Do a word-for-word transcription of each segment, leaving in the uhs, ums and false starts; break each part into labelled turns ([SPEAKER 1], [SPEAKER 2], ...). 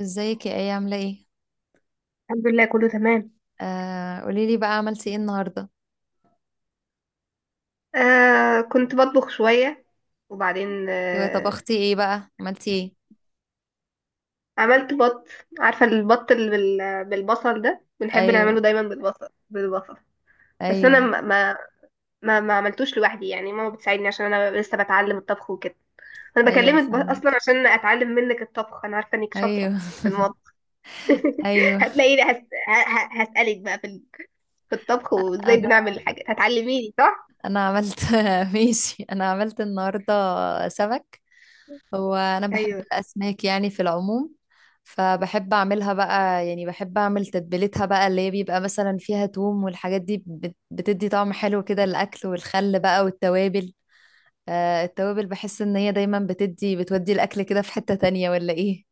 [SPEAKER 1] ازيك؟ يا، ايه عامله ايه؟
[SPEAKER 2] الحمد لله، كله تمام.
[SPEAKER 1] آه قولي لي بقى، عملتي ايه النهارده؟
[SPEAKER 2] آه كنت بطبخ شوية. وبعدين
[SPEAKER 1] ايوه،
[SPEAKER 2] آه
[SPEAKER 1] طبختي ايه بقى؟ عملتي ايه؟
[SPEAKER 2] عملت بط. عارفة البط اللي بال- بالبصل ده، بنحب
[SPEAKER 1] ايوه،
[SPEAKER 2] نعمله دايما بالبصل بالبصل. بس أنا
[SPEAKER 1] ايوه.
[SPEAKER 2] ما ما ما ما عملتوش لوحدي، يعني ماما بتساعدني عشان أنا لسه بتعلم الطبخ وكده. أنا
[SPEAKER 1] ايوه،
[SPEAKER 2] بكلمك ب- أصلا
[SPEAKER 1] فهمك.
[SPEAKER 2] عشان أتعلم منك الطبخ، أنا عارفة إنك شاطرة
[SPEAKER 1] ايوه.
[SPEAKER 2] في المطبخ.
[SPEAKER 1] ايوه.
[SPEAKER 2] هتلاقيني هس... ه- ه- هسألك بقى في ال- في الطبخ، وإزاي
[SPEAKER 1] انا
[SPEAKER 2] بنعمل الحاجات. هتعلميني صح؟
[SPEAKER 1] انا عملت. ماشي، انا عملت النهارده سمك. هو انا بحب
[SPEAKER 2] ايوه.
[SPEAKER 1] الاسماك يعني في العموم، فبحب اعملها بقى يعني. بحب اعمل تتبيلتها بقى، اللي هي بيبقى مثلا فيها توم والحاجات دي بت- بتدي طعم حلو كده الاكل، والخل بقى والتوابل. آه، التوابل بحس ان هي دايما بتدي بتودي الاكل كده في حتة تانية ولا ايه؟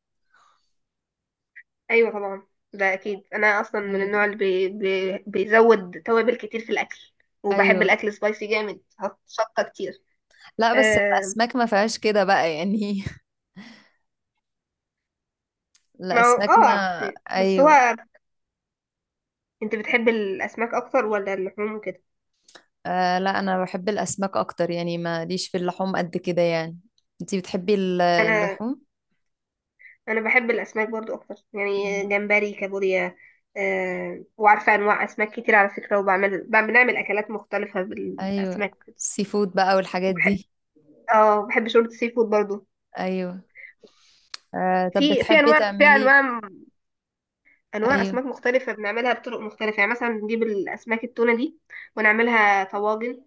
[SPEAKER 2] ايوه طبعا، ده اكيد. انا اصلا من النوع
[SPEAKER 1] ايوه.
[SPEAKER 2] اللي بي بي بيزود توابل كتير في الاكل، وبحب
[SPEAKER 1] ايوه.
[SPEAKER 2] الاكل سبايسي جامد، حط شطه كتير.
[SPEAKER 1] لا، بس
[SPEAKER 2] آه.
[SPEAKER 1] الاسماك ما فيهاش كده بقى يعني.
[SPEAKER 2] ما هو
[SPEAKER 1] الاسماك
[SPEAKER 2] اه.
[SPEAKER 1] ما،
[SPEAKER 2] بس هو،
[SPEAKER 1] ايوه.
[SPEAKER 2] انت بتحب الاسماك اكتر ولا اللحوم وكده؟
[SPEAKER 1] آه، لا، انا بحب الاسماك اكتر يعني، ما ليش في اللحوم قد كده يعني. انتي بتحبي ال-
[SPEAKER 2] انا
[SPEAKER 1] اللحوم؟
[SPEAKER 2] انا بحب الاسماك برضو اكتر، يعني
[SPEAKER 1] مم.
[SPEAKER 2] جمبري، كابوريا. آه وعارفه انواع اسماك كتير على فكره، وبعمل بعمل- بنعمل اكلات مختلفه
[SPEAKER 1] ايوه.
[SPEAKER 2] بالاسماك كده.
[SPEAKER 1] السي فود بقى والحاجات
[SPEAKER 2] وبحب،
[SPEAKER 1] دي.
[SPEAKER 2] اه بحب شوربه سي فود برضو.
[SPEAKER 1] ايوه. آه طب
[SPEAKER 2] في في
[SPEAKER 1] بتحبي
[SPEAKER 2] انواع في
[SPEAKER 1] تعملي؟
[SPEAKER 2] انواع انواع
[SPEAKER 1] ايوه.
[SPEAKER 2] اسماك مختلفه بنعملها بطرق مختلفه، يعني مثلا بنجيب الاسماك التونه دي، ونعملها طواجن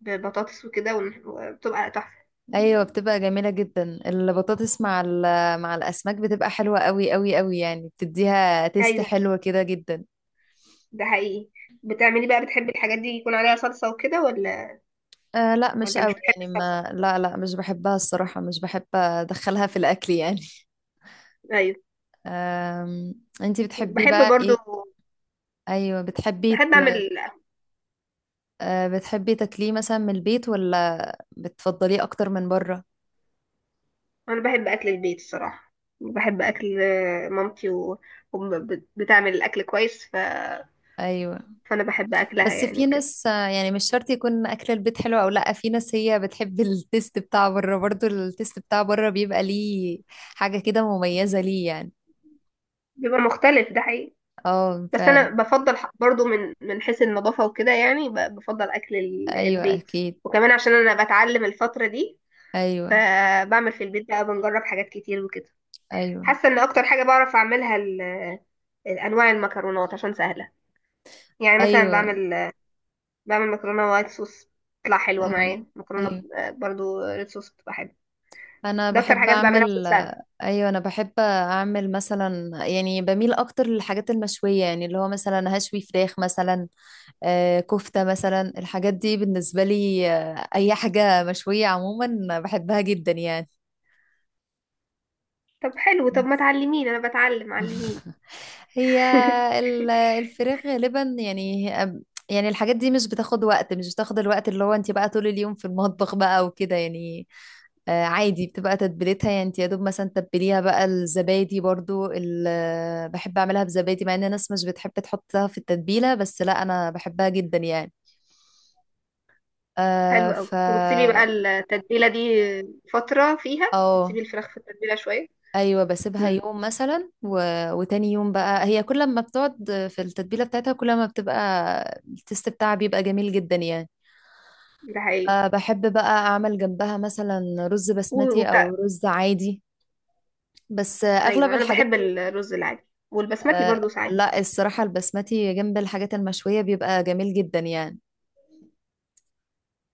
[SPEAKER 2] ببطاطس وكده، ون- وبتبقى تحفه.
[SPEAKER 1] ايوه، بتبقى جميله جدا البطاطس مع ال- مع الاسماك، بتبقى حلوه قوي قوي قوي يعني، بتديها تيست
[SPEAKER 2] ايوه،
[SPEAKER 1] حلوه كده جدا.
[SPEAKER 2] ده حقيقي. بتعملي بقى بتحبي الحاجات دي يكون عليها صلصه وكده ولا؟
[SPEAKER 1] آه لا مش
[SPEAKER 2] ولا
[SPEAKER 1] قوي
[SPEAKER 2] مش بتحبي
[SPEAKER 1] يعني،
[SPEAKER 2] الصلصه؟
[SPEAKER 1] ما لا، لا، مش بحبها الصراحه، مش بحب ادخلها في الاكل يعني.
[SPEAKER 2] ايوه،
[SPEAKER 1] آم... انتي بتحبي
[SPEAKER 2] بحب
[SPEAKER 1] بقى
[SPEAKER 2] برضو.
[SPEAKER 1] ايه؟ ايوه. بتحبي
[SPEAKER 2] بحب
[SPEAKER 1] ت...
[SPEAKER 2] اعمل.
[SPEAKER 1] آه بتحبي تاكليه مثلا من البيت ولا بتفضليه اكتر من بره؟
[SPEAKER 2] انا بحب اكل البيت الصراحه. بحب اكل آه، مامتي و... وبتعمل الاكل كويس ف...
[SPEAKER 1] ايوه،
[SPEAKER 2] فانا بحب اكلها
[SPEAKER 1] بس
[SPEAKER 2] يعني
[SPEAKER 1] في
[SPEAKER 2] وكده.
[SPEAKER 1] ناس، آه، يعني مش شرط يكون اكل البيت حلو او لا، في ناس هي بتحب التيست بتاع بره، برضو التيست بتاع بره بيبقى ليه حاجة كده مميزة ليه يعني.
[SPEAKER 2] بيبقى مختلف، ده حقيقي.
[SPEAKER 1] اه،
[SPEAKER 2] بس انا
[SPEAKER 1] فعلا.
[SPEAKER 2] بفضل ح- برضو، من من حيث النظافه وكده، يعني ب- بفضل اكل ال-
[SPEAKER 1] ايوه،
[SPEAKER 2] البيت.
[SPEAKER 1] اكيد.
[SPEAKER 2] وكمان عشان انا بتعلم الفتره دي،
[SPEAKER 1] ايوه،
[SPEAKER 2] فبعمل في البيت بقى، بنجرب حاجات كتير وكده.
[SPEAKER 1] ايوه،
[SPEAKER 2] حاسه ان اكتر حاجه بعرف اعملها ال- انواع المكرونات، عشان سهله. يعني مثلا
[SPEAKER 1] ايوه،
[SPEAKER 2] بعمل بعمل مكرونه وايت صوص، بتطلع حلوه
[SPEAKER 1] ايوه،
[SPEAKER 2] معايا. مكرونه
[SPEAKER 1] ايوه،
[SPEAKER 2] ب- برضو ريد صوص بتبقى حلوه.
[SPEAKER 1] انا
[SPEAKER 2] ده اكتر
[SPEAKER 1] بحب
[SPEAKER 2] حاجات بعملها عشان
[SPEAKER 1] اعمل.
[SPEAKER 2] سهله.
[SPEAKER 1] ايوه، انا بحب اعمل مثلا يعني، بميل اكتر للحاجات المشويه يعني، اللي هو مثلا هشوي فراخ مثلا. آه، كفتة مثلا، الحاجات دي بالنسبة لي، آه، أي حاجة مشوية عموما بحبها جدا يعني.
[SPEAKER 2] طب حلو، طب ما تعلميني، انا بتعلم، علميني.
[SPEAKER 1] هي ال- الفراخ غالبا يعني، يعني الحاجات دي مش بتاخد وقت، مش بتاخد الوقت اللي هو انت بقى طول اليوم في المطبخ بقى وكده يعني. آه، عادي بتبقى تتبيلتها يعني، انت يا دوب مثلا تتبليها بقى. الزبادي برضو ال- بحب اعملها بزبادي، مع ان الناس مش بتحب تحطها في التتبيلة، بس لا انا بحبها جدا يعني. آه
[SPEAKER 2] حلو قوي.
[SPEAKER 1] ف
[SPEAKER 2] وبتسيبي بقى التتبيله دي فتره فيها؟
[SPEAKER 1] اه.
[SPEAKER 2] بتسيبي الفراخ في التتبيله شويه؟
[SPEAKER 1] ايوه، بسيبها
[SPEAKER 2] امم.
[SPEAKER 1] يوم مثلا و... وتاني يوم بقى هي، كل ما بتقعد في التتبيله بتاعتها كل ما بتبقى التست بتاعها بيبقى جميل جدا يعني.
[SPEAKER 2] ده حقيقي.
[SPEAKER 1] آه، بحب بقى اعمل جنبها مثلا رز
[SPEAKER 2] و-
[SPEAKER 1] بسمتي او
[SPEAKER 2] وبتاع.
[SPEAKER 1] رز عادي. بس، آه، اغلب
[SPEAKER 2] ايوه انا
[SPEAKER 1] الحاجات
[SPEAKER 2] بحب
[SPEAKER 1] ال...
[SPEAKER 2] الرز العادي والبسمتي
[SPEAKER 1] آه،
[SPEAKER 2] برضو ساعات.
[SPEAKER 1] لا الصراحه البسمتي جنب الحاجات المشويه بيبقى جميل جدا يعني.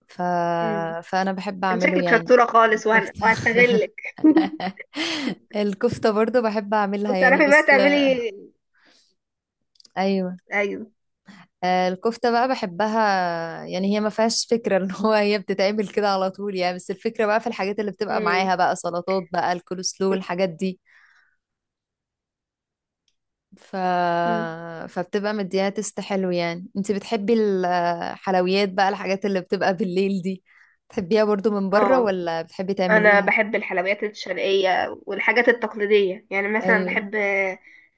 [SPEAKER 1] ف...
[SPEAKER 2] امم.
[SPEAKER 1] فانا بحب
[SPEAKER 2] انت
[SPEAKER 1] اعمله
[SPEAKER 2] شكلك
[SPEAKER 1] يعني.
[SPEAKER 2] شطوره خالص، وهن...
[SPEAKER 1] الكفته.
[SPEAKER 2] وهستغلك.
[SPEAKER 1] الكفته برضو بحب اعملها يعني،
[SPEAKER 2] وبتعرفي بقى
[SPEAKER 1] بس.
[SPEAKER 2] تعملي؟
[SPEAKER 1] ايوه.
[SPEAKER 2] ايوه.
[SPEAKER 1] آه، الكفتة بقى بحبها، يعني هي ما فيهاش فكرة ان هو هي بتتعمل كده على طول يعني، بس الفكرة بقى في الحاجات اللي بتبقى
[SPEAKER 2] امم،
[SPEAKER 1] معاها بقى، سلطات بقى، الكولسلو، الحاجات دي. ف...
[SPEAKER 2] امم.
[SPEAKER 1] فبتبقى مديها تست حلو يعني. انتي بتحبي الحلويات بقى، الحاجات اللي بتبقى بالليل دي، بتحبيها برضو من بره
[SPEAKER 2] اه،
[SPEAKER 1] ولا بتحبي
[SPEAKER 2] انا
[SPEAKER 1] تعمليها؟
[SPEAKER 2] بحب الحلويات الشرقيه والحاجات التقليديه، يعني مثلا
[SPEAKER 1] ايوه،
[SPEAKER 2] بحب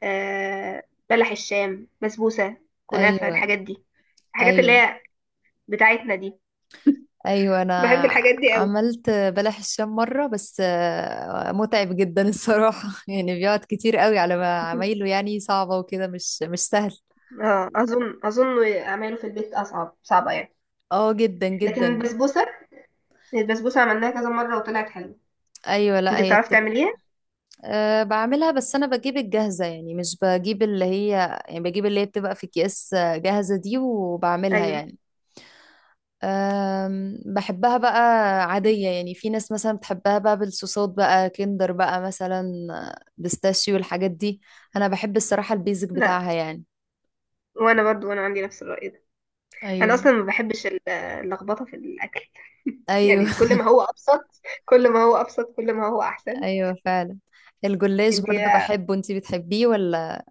[SPEAKER 2] آه، بلح الشام، بسبوسه، كنافه،
[SPEAKER 1] ايوه،
[SPEAKER 2] الحاجات دي. الحاجات اللي
[SPEAKER 1] ايوه،
[SPEAKER 2] هي بتاعتنا دي،
[SPEAKER 1] ايوه. انا
[SPEAKER 2] بحب الحاجات دي قوي.
[SPEAKER 1] عملت بلح الشام مره، بس آه، متعب جدا الصراحه. يعني بيقعد كتير قوي على ما عمايله يعني، صعبه وكده، مش مش سهل.
[SPEAKER 2] اه، اظن اظن اعماله في البيت اصعب صعبه يعني.
[SPEAKER 1] اه، جدا
[SPEAKER 2] لكن
[SPEAKER 1] جدا يعني.
[SPEAKER 2] البسبوسه، البسبوسه عملناها كذا مره وطلعت حلوه.
[SPEAKER 1] ايوه،
[SPEAKER 2] انت
[SPEAKER 1] لا هي
[SPEAKER 2] بتعرفي
[SPEAKER 1] بتبقى.
[SPEAKER 2] تعمليها؟
[SPEAKER 1] أه، بعملها، بس انا بجيب الجاهزه يعني، مش بجيب اللي هي. يعني بجيب اللي هي بتبقى في اكياس، آه، جاهزه دي وبعملها
[SPEAKER 2] ايوه،
[SPEAKER 1] يعني. أم، بحبها بقى عادية يعني. في ناس مثلا بتحبها بقى بالصوصات بقى، كندر بقى مثلا، بيستاشيو، الحاجات دي. أنا بحب الصراحة البيزك
[SPEAKER 2] لا.
[SPEAKER 1] بتاعها يعني.
[SPEAKER 2] وانا برضو وانا عندي نفس الرأي ده. انا اصلا
[SPEAKER 1] ايوه.
[SPEAKER 2] ما بحبش ال- اللخبطه في الاكل.
[SPEAKER 1] أيوه.
[SPEAKER 2] يعني كل ما هو ابسط، كل ما هو ابسط، كل ما هو احسن.
[SPEAKER 1] أيوه، فعلا. الجلاش
[SPEAKER 2] انت
[SPEAKER 1] برضه بحبه، انتي بتحبيه ولا؟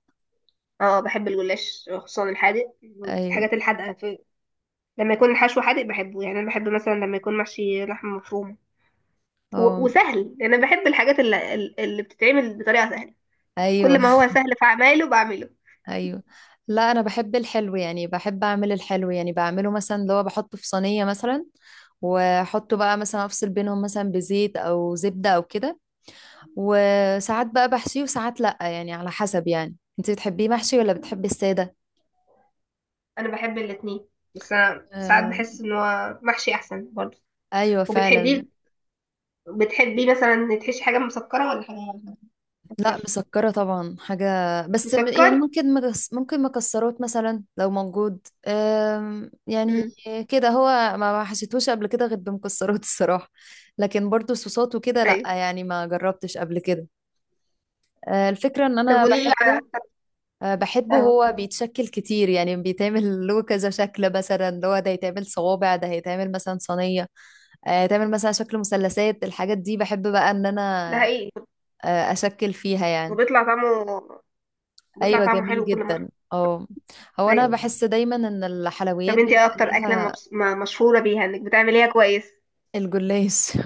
[SPEAKER 2] اه بحب الجلاش، خصوصا الحادق.
[SPEAKER 1] أيوه.
[SPEAKER 2] الحاجات الحادقه، في، لما يكون الحشو حادق بحبه. يعني انا بحب مثلا لما يكون محشي لحمه مفرومه، و-
[SPEAKER 1] أم،
[SPEAKER 2] وسهل، لأن أنا بحب الحاجات اللي, اللي بتتعمل بطريقة سهلة.
[SPEAKER 1] أيوه.
[SPEAKER 2] كل ما هو سهل في أعماله بعمله.
[SPEAKER 1] أيوه. لا، أنا بحب الحلو يعني، بحب أعمل الحلو يعني، بعمله مثلا اللي هو بحطه في صينية مثلا، وأحطه بقى مثلا، أفصل بينهم مثلا بزيت أو زبدة أو كده. وساعات بقى بحشيه وساعات لأ، يعني على حسب. يعني انت بتحبيه محشي ولا بتحبي السادة؟
[SPEAKER 2] أنا بحب الاتنين، بس أنا ساعات
[SPEAKER 1] آه.
[SPEAKER 2] بحس إن هو محشي أحسن برضه.
[SPEAKER 1] ايوه، فعلا.
[SPEAKER 2] وبتحبيه بتحبيه مثلا تحشي حاجة مسكرة ولا حاجة
[SPEAKER 1] لا،
[SPEAKER 2] أكتر؟
[SPEAKER 1] مسكرة طبعا حاجة، بس م- يعني
[SPEAKER 2] مسكر؟
[SPEAKER 1] ممكن مكس ممكن مكسرات مثلا لو موجود، آه يعني.
[SPEAKER 2] مم.
[SPEAKER 1] كده هو ما ما حشيتهوش قبل كده غير بمكسرات الصراحة. لكن برضو صوصات وكده لا
[SPEAKER 2] أيوه.
[SPEAKER 1] يعني، ما جربتش قبل كده. آه الفكرة ان
[SPEAKER 2] طب
[SPEAKER 1] انا
[SPEAKER 2] قولي لي على،
[SPEAKER 1] بحبه. أه، بحبه،
[SPEAKER 2] اه،
[SPEAKER 1] هو بيتشكل كتير يعني، بيتعمل له كذا شكل، مثلا اللي هو ده يتعمل صوابع، ده هيتعمل مثلا صينية، أه، يتعمل مثلا شكل مثلثات، الحاجات دي بحب بقى ان
[SPEAKER 2] ده
[SPEAKER 1] انا
[SPEAKER 2] حقيقي.
[SPEAKER 1] أه، اشكل فيها يعني.
[SPEAKER 2] وبيطلع طعمه بيطلع
[SPEAKER 1] ايوه،
[SPEAKER 2] طعمه
[SPEAKER 1] جميل
[SPEAKER 2] حلو كل مرة.
[SPEAKER 1] جدا. اه. هو انا
[SPEAKER 2] أيوه.
[SPEAKER 1] بحس دايما ان الحلويات
[SPEAKER 2] طب انتي ايه
[SPEAKER 1] بيبقى
[SPEAKER 2] اكتر اكلة
[SPEAKER 1] ليها.
[SPEAKER 2] مبس... ما- مشهورة بيها انك بتعمليها كويس؟
[SPEAKER 1] الجلاش.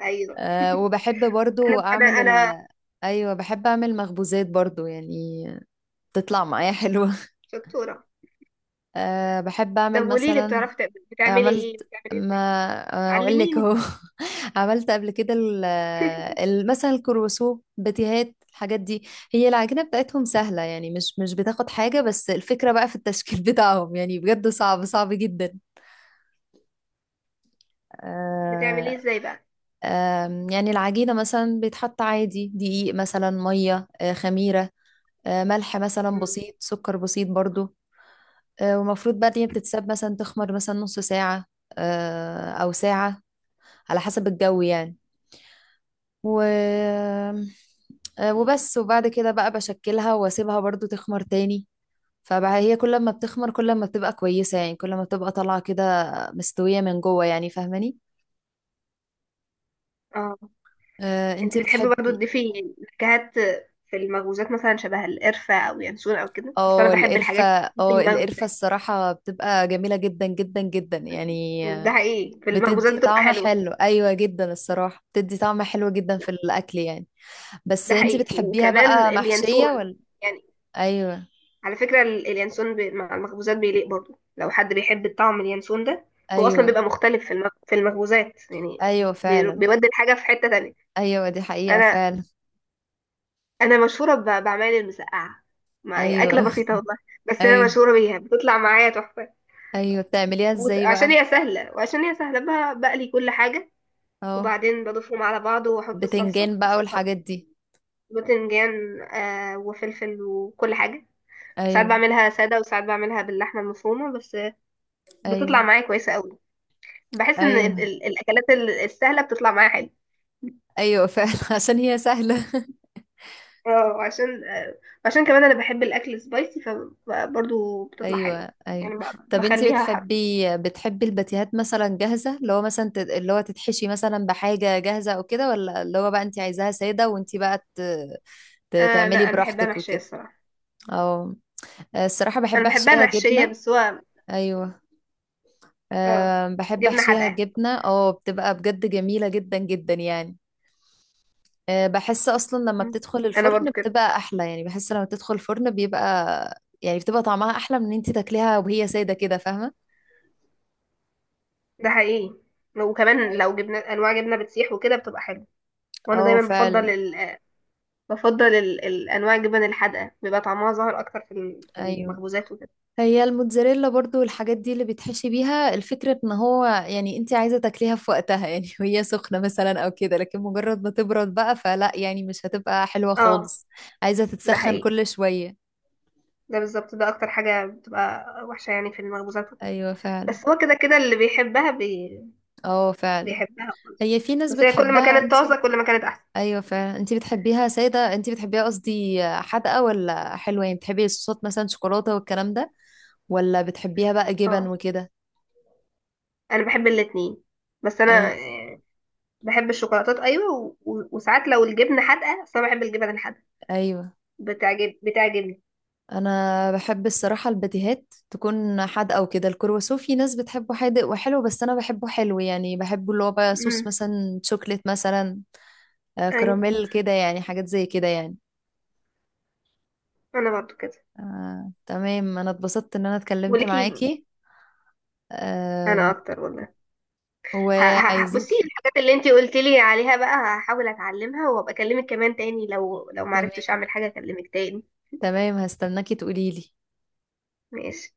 [SPEAKER 2] ايوه،
[SPEAKER 1] أه، وبحب
[SPEAKER 2] انا
[SPEAKER 1] برضو اعمل
[SPEAKER 2] انا انا
[SPEAKER 1] ال... ايوه، بحب اعمل مخبوزات برضو يعني، تطلع معايا حلوة.
[SPEAKER 2] شطورة.
[SPEAKER 1] أه بحب
[SPEAKER 2] طب
[SPEAKER 1] اعمل
[SPEAKER 2] قولي لي،
[SPEAKER 1] مثلا.
[SPEAKER 2] بتعرفي تق- بتعملي ايه؟
[SPEAKER 1] عملت
[SPEAKER 2] بتعملي
[SPEAKER 1] ما
[SPEAKER 2] ازاي؟
[SPEAKER 1] أنا اقول لك
[SPEAKER 2] علميني.
[SPEAKER 1] اهو. عملت قبل كده ال- آه، ال- مثلا الكروسو، بتيهات، الحاجات دي. هي العجينة بتاعتهم سهلة يعني، مش مش بتاخد حاجة، بس الفكرة بقى في التشكيل بتاعهم يعني، بجد صعب صعب جدا.
[SPEAKER 2] بتعملي
[SPEAKER 1] آه،
[SPEAKER 2] ازاي بقى؟
[SPEAKER 1] آم، يعني العجينة مثلا بيتحط عادي دقيق، مثلا مية، آه، خميرة، آه، ملح مثلا
[SPEAKER 2] مم.
[SPEAKER 1] بسيط، سكر بسيط برضو. آه، ومفروض بقى إن هي بتتساب مثلا تخمر مثلا نص ساعة، آه، أو ساعة، على حسب الجو يعني. و آه، وبس، وبعد كده بقى بشكلها واسيبها برضو تخمر تاني. فبقى هي كل ما بتخمر كل ما بتبقى كويسة يعني، كل ما بتبقى طالعة كده، مستوية من جوه يعني، فاهماني؟
[SPEAKER 2] اه
[SPEAKER 1] آه،
[SPEAKER 2] انت
[SPEAKER 1] انت
[SPEAKER 2] بتحبي برضه
[SPEAKER 1] بتحبي.
[SPEAKER 2] تضيفي نكهات في المخبوزات، مثلا شبه القرفة او ينسون او كده؟ اصل
[SPEAKER 1] اه،
[SPEAKER 2] انا بحب
[SPEAKER 1] القرفة.
[SPEAKER 2] الحاجات دي في
[SPEAKER 1] اه، القرفة
[SPEAKER 2] المخبوزات.
[SPEAKER 1] الصراحة بتبقى جميلة جدا جدا جدا يعني.
[SPEAKER 2] ده حقيقي، في المخبوزات
[SPEAKER 1] بتدي
[SPEAKER 2] بتبقى
[SPEAKER 1] طعم
[SPEAKER 2] حلوة.
[SPEAKER 1] حلو، ايوه جدا الصراحة، بتدي طعم حلو جدا في الاكل يعني. بس
[SPEAKER 2] ده
[SPEAKER 1] انت
[SPEAKER 2] حقيقي،
[SPEAKER 1] بتحبيها
[SPEAKER 2] وكمان
[SPEAKER 1] بقى محشية
[SPEAKER 2] اليانسون
[SPEAKER 1] ولا؟
[SPEAKER 2] يعني.
[SPEAKER 1] ايوه.
[SPEAKER 2] على فكرة ال- اليانسون بي... مع المخبوزات بيليق برضه، لو حد بيحب الطعم اليانسون ده. هو اصلا
[SPEAKER 1] ايوه.
[SPEAKER 2] بيبقى مختلف في المخ... في المخبوزات يعني.
[SPEAKER 1] ايوه،
[SPEAKER 2] بي...
[SPEAKER 1] فعلا.
[SPEAKER 2] بيودي الحاجة في حتة تانية.
[SPEAKER 1] ايوه، دي حقيقة
[SPEAKER 2] انا
[SPEAKER 1] فعلا.
[SPEAKER 2] انا مشهوره ب- بعمال المسقعه، مع اكله
[SPEAKER 1] ايوه.
[SPEAKER 2] بسيطه والله. بس انا
[SPEAKER 1] ايوه.
[SPEAKER 2] مشهوره بيها، بتطلع معايا تحفه.
[SPEAKER 1] ايوه، بتعمليها
[SPEAKER 2] وت-
[SPEAKER 1] ازاي
[SPEAKER 2] عشان
[SPEAKER 1] بقى؟
[SPEAKER 2] هي سهله، وعشان هي سهله، ب- بقلي كل حاجه،
[SPEAKER 1] اه،
[SPEAKER 2] وبعدين بضيفهم على بعض، واحط الصلصه
[SPEAKER 1] بتنجان بقى
[SPEAKER 2] والصلصه،
[SPEAKER 1] والحاجات دي.
[SPEAKER 2] باذنجان، آه وفلفل وكل حاجه. ساعات
[SPEAKER 1] ايوه.
[SPEAKER 2] بعملها ساده، وساعات بعملها باللحمه المفرومه بس،
[SPEAKER 1] ايوه.
[SPEAKER 2] بتطلع معايا كويسه قوي. بحس ان ال-
[SPEAKER 1] ايوه.
[SPEAKER 2] ال- الاكلات ال- السهله بتطلع معايا حلو.
[SPEAKER 1] ايوه، فعلا. عشان هي سهله.
[SPEAKER 2] اه عشان آه عشان كمان انا بحب الاكل سبايسي، فبرضه بتطلع حلو.
[SPEAKER 1] ايوه. ايوه.
[SPEAKER 2] يعني ب-
[SPEAKER 1] طب انتي
[SPEAKER 2] بخليها.
[SPEAKER 1] بتحبي، بتحبي الباتيهات مثلا جاهزه، اللي هو مثلا تت- اللي هو تتحشي مثلا بحاجه جاهزه او كده، ولا اللي هو بقى انتي عايزاها ساده وانتي بقى ت... ت...
[SPEAKER 2] آه
[SPEAKER 1] تعملي
[SPEAKER 2] لا، انا بحبها
[SPEAKER 1] براحتك
[SPEAKER 2] محشيه
[SPEAKER 1] وكده؟
[SPEAKER 2] الصراحه.
[SPEAKER 1] اه، الصراحه
[SPEAKER 2] انا
[SPEAKER 1] بحب
[SPEAKER 2] بحبها
[SPEAKER 1] احشيها
[SPEAKER 2] محشيه،
[SPEAKER 1] جبنه.
[SPEAKER 2] بس هو،
[SPEAKER 1] ايوه.
[SPEAKER 2] اه،
[SPEAKER 1] أه، بحب
[SPEAKER 2] جبنه
[SPEAKER 1] احشيها
[SPEAKER 2] حادقه.
[SPEAKER 1] جبنه. اه، بتبقى بجد جميله جدا جدا يعني. آه، بحس اصلا لما
[SPEAKER 2] مم.
[SPEAKER 1] بتدخل
[SPEAKER 2] انا
[SPEAKER 1] الفرن
[SPEAKER 2] برضو كده،
[SPEAKER 1] بتبقى احلى، يعني بحس لما بتدخل الفرن بيبقى، يعني بتبقى طعمها احلى من ان انت تاكليها وهي ساده كده، فاهمه؟
[SPEAKER 2] ده حقيقي. وكمان لو جبنه انواع جبنه بتسيح وكده بتبقى حلوه. وانا
[SPEAKER 1] اه،
[SPEAKER 2] دايما
[SPEAKER 1] فعلا.
[SPEAKER 2] بفضل ال... بفضل ال... الانواع الجبن الحادقه، بيبقى طعمها ظاهر اكتر في ال- في
[SPEAKER 1] ايوه.
[SPEAKER 2] المخبوزات وكده.
[SPEAKER 1] هي الموتزاريلا برضو والحاجات دي اللي بيتحشي بيها، الفكرة ان هو يعني انت عايزة تاكليها في وقتها يعني، وهي سخنة مثلا او كده، لكن مجرد ما تبرد بقى فلا، يعني مش هتبقى حلوة
[SPEAKER 2] اه
[SPEAKER 1] خالص. عايزة
[SPEAKER 2] ده
[SPEAKER 1] تتسخن
[SPEAKER 2] حقيقي،
[SPEAKER 1] كل شوية.
[SPEAKER 2] ده بالظبط، ده اكتر حاجه بتبقى وحشه يعني في المخبوزات وكده.
[SPEAKER 1] ايوه، فعلا.
[SPEAKER 2] بس هو كده كده اللي بيحبها بي...
[SPEAKER 1] اه، فعلا.
[SPEAKER 2] بيحبها.
[SPEAKER 1] هي في ناس
[SPEAKER 2] بس هي كل ما
[SPEAKER 1] بتحبها.
[SPEAKER 2] كانت
[SPEAKER 1] انت
[SPEAKER 2] طازه، كل ما كانت احسن.
[SPEAKER 1] ايوه، فعلا. انتي بتحبيها ساده، انتي بتحبيها قصدي حادقه ولا حلوه؟ يعني بتحبي الصوصات مثلا، شوكولاته والكلام ده، ولا بتحبيها بقى جبن
[SPEAKER 2] اه
[SPEAKER 1] وكده؟
[SPEAKER 2] انا بحب الاتنين، بس انا
[SPEAKER 1] ايوه.
[SPEAKER 2] بحب الشوكولاتات ايوه، و... و... وساعات لو الجبنه حادقه، اصل انا بحب الجبن الحادقه،
[SPEAKER 1] ايوه.
[SPEAKER 2] بتعجب بتعجبني.
[SPEAKER 1] انا بحب الصراحه الباتيهات تكون حادقه وكده. الكرواسون في ناس بتحبه حادق وحلو، بس انا بحبه حلو يعني، بحبه اللي هو بقى صوص
[SPEAKER 2] امم.
[SPEAKER 1] مثلا، شوكليت مثلا، آه،
[SPEAKER 2] ايوه،
[SPEAKER 1] كراميل كده يعني، حاجات زي كده يعني.
[SPEAKER 2] انا برضو كده.
[SPEAKER 1] آه، تمام، انا اتبسطت ان انا اتكلمت
[SPEAKER 2] وليكي،
[SPEAKER 1] معاكي.
[SPEAKER 2] انا
[SPEAKER 1] آم،
[SPEAKER 2] اكتر والله. ه... ه... ه- بصي،
[SPEAKER 1] وعايزك.
[SPEAKER 2] الحاجات اللي انتي قلتي لي عليها بقى هحاول اتعلمها، وابقى اكلمك كمان تاني. لو لو ما
[SPEAKER 1] تمام.
[SPEAKER 2] عرفتش اعمل حاجه اكلمك تاني.
[SPEAKER 1] تمام، هستناكي تقوليلي.
[SPEAKER 2] ماشي.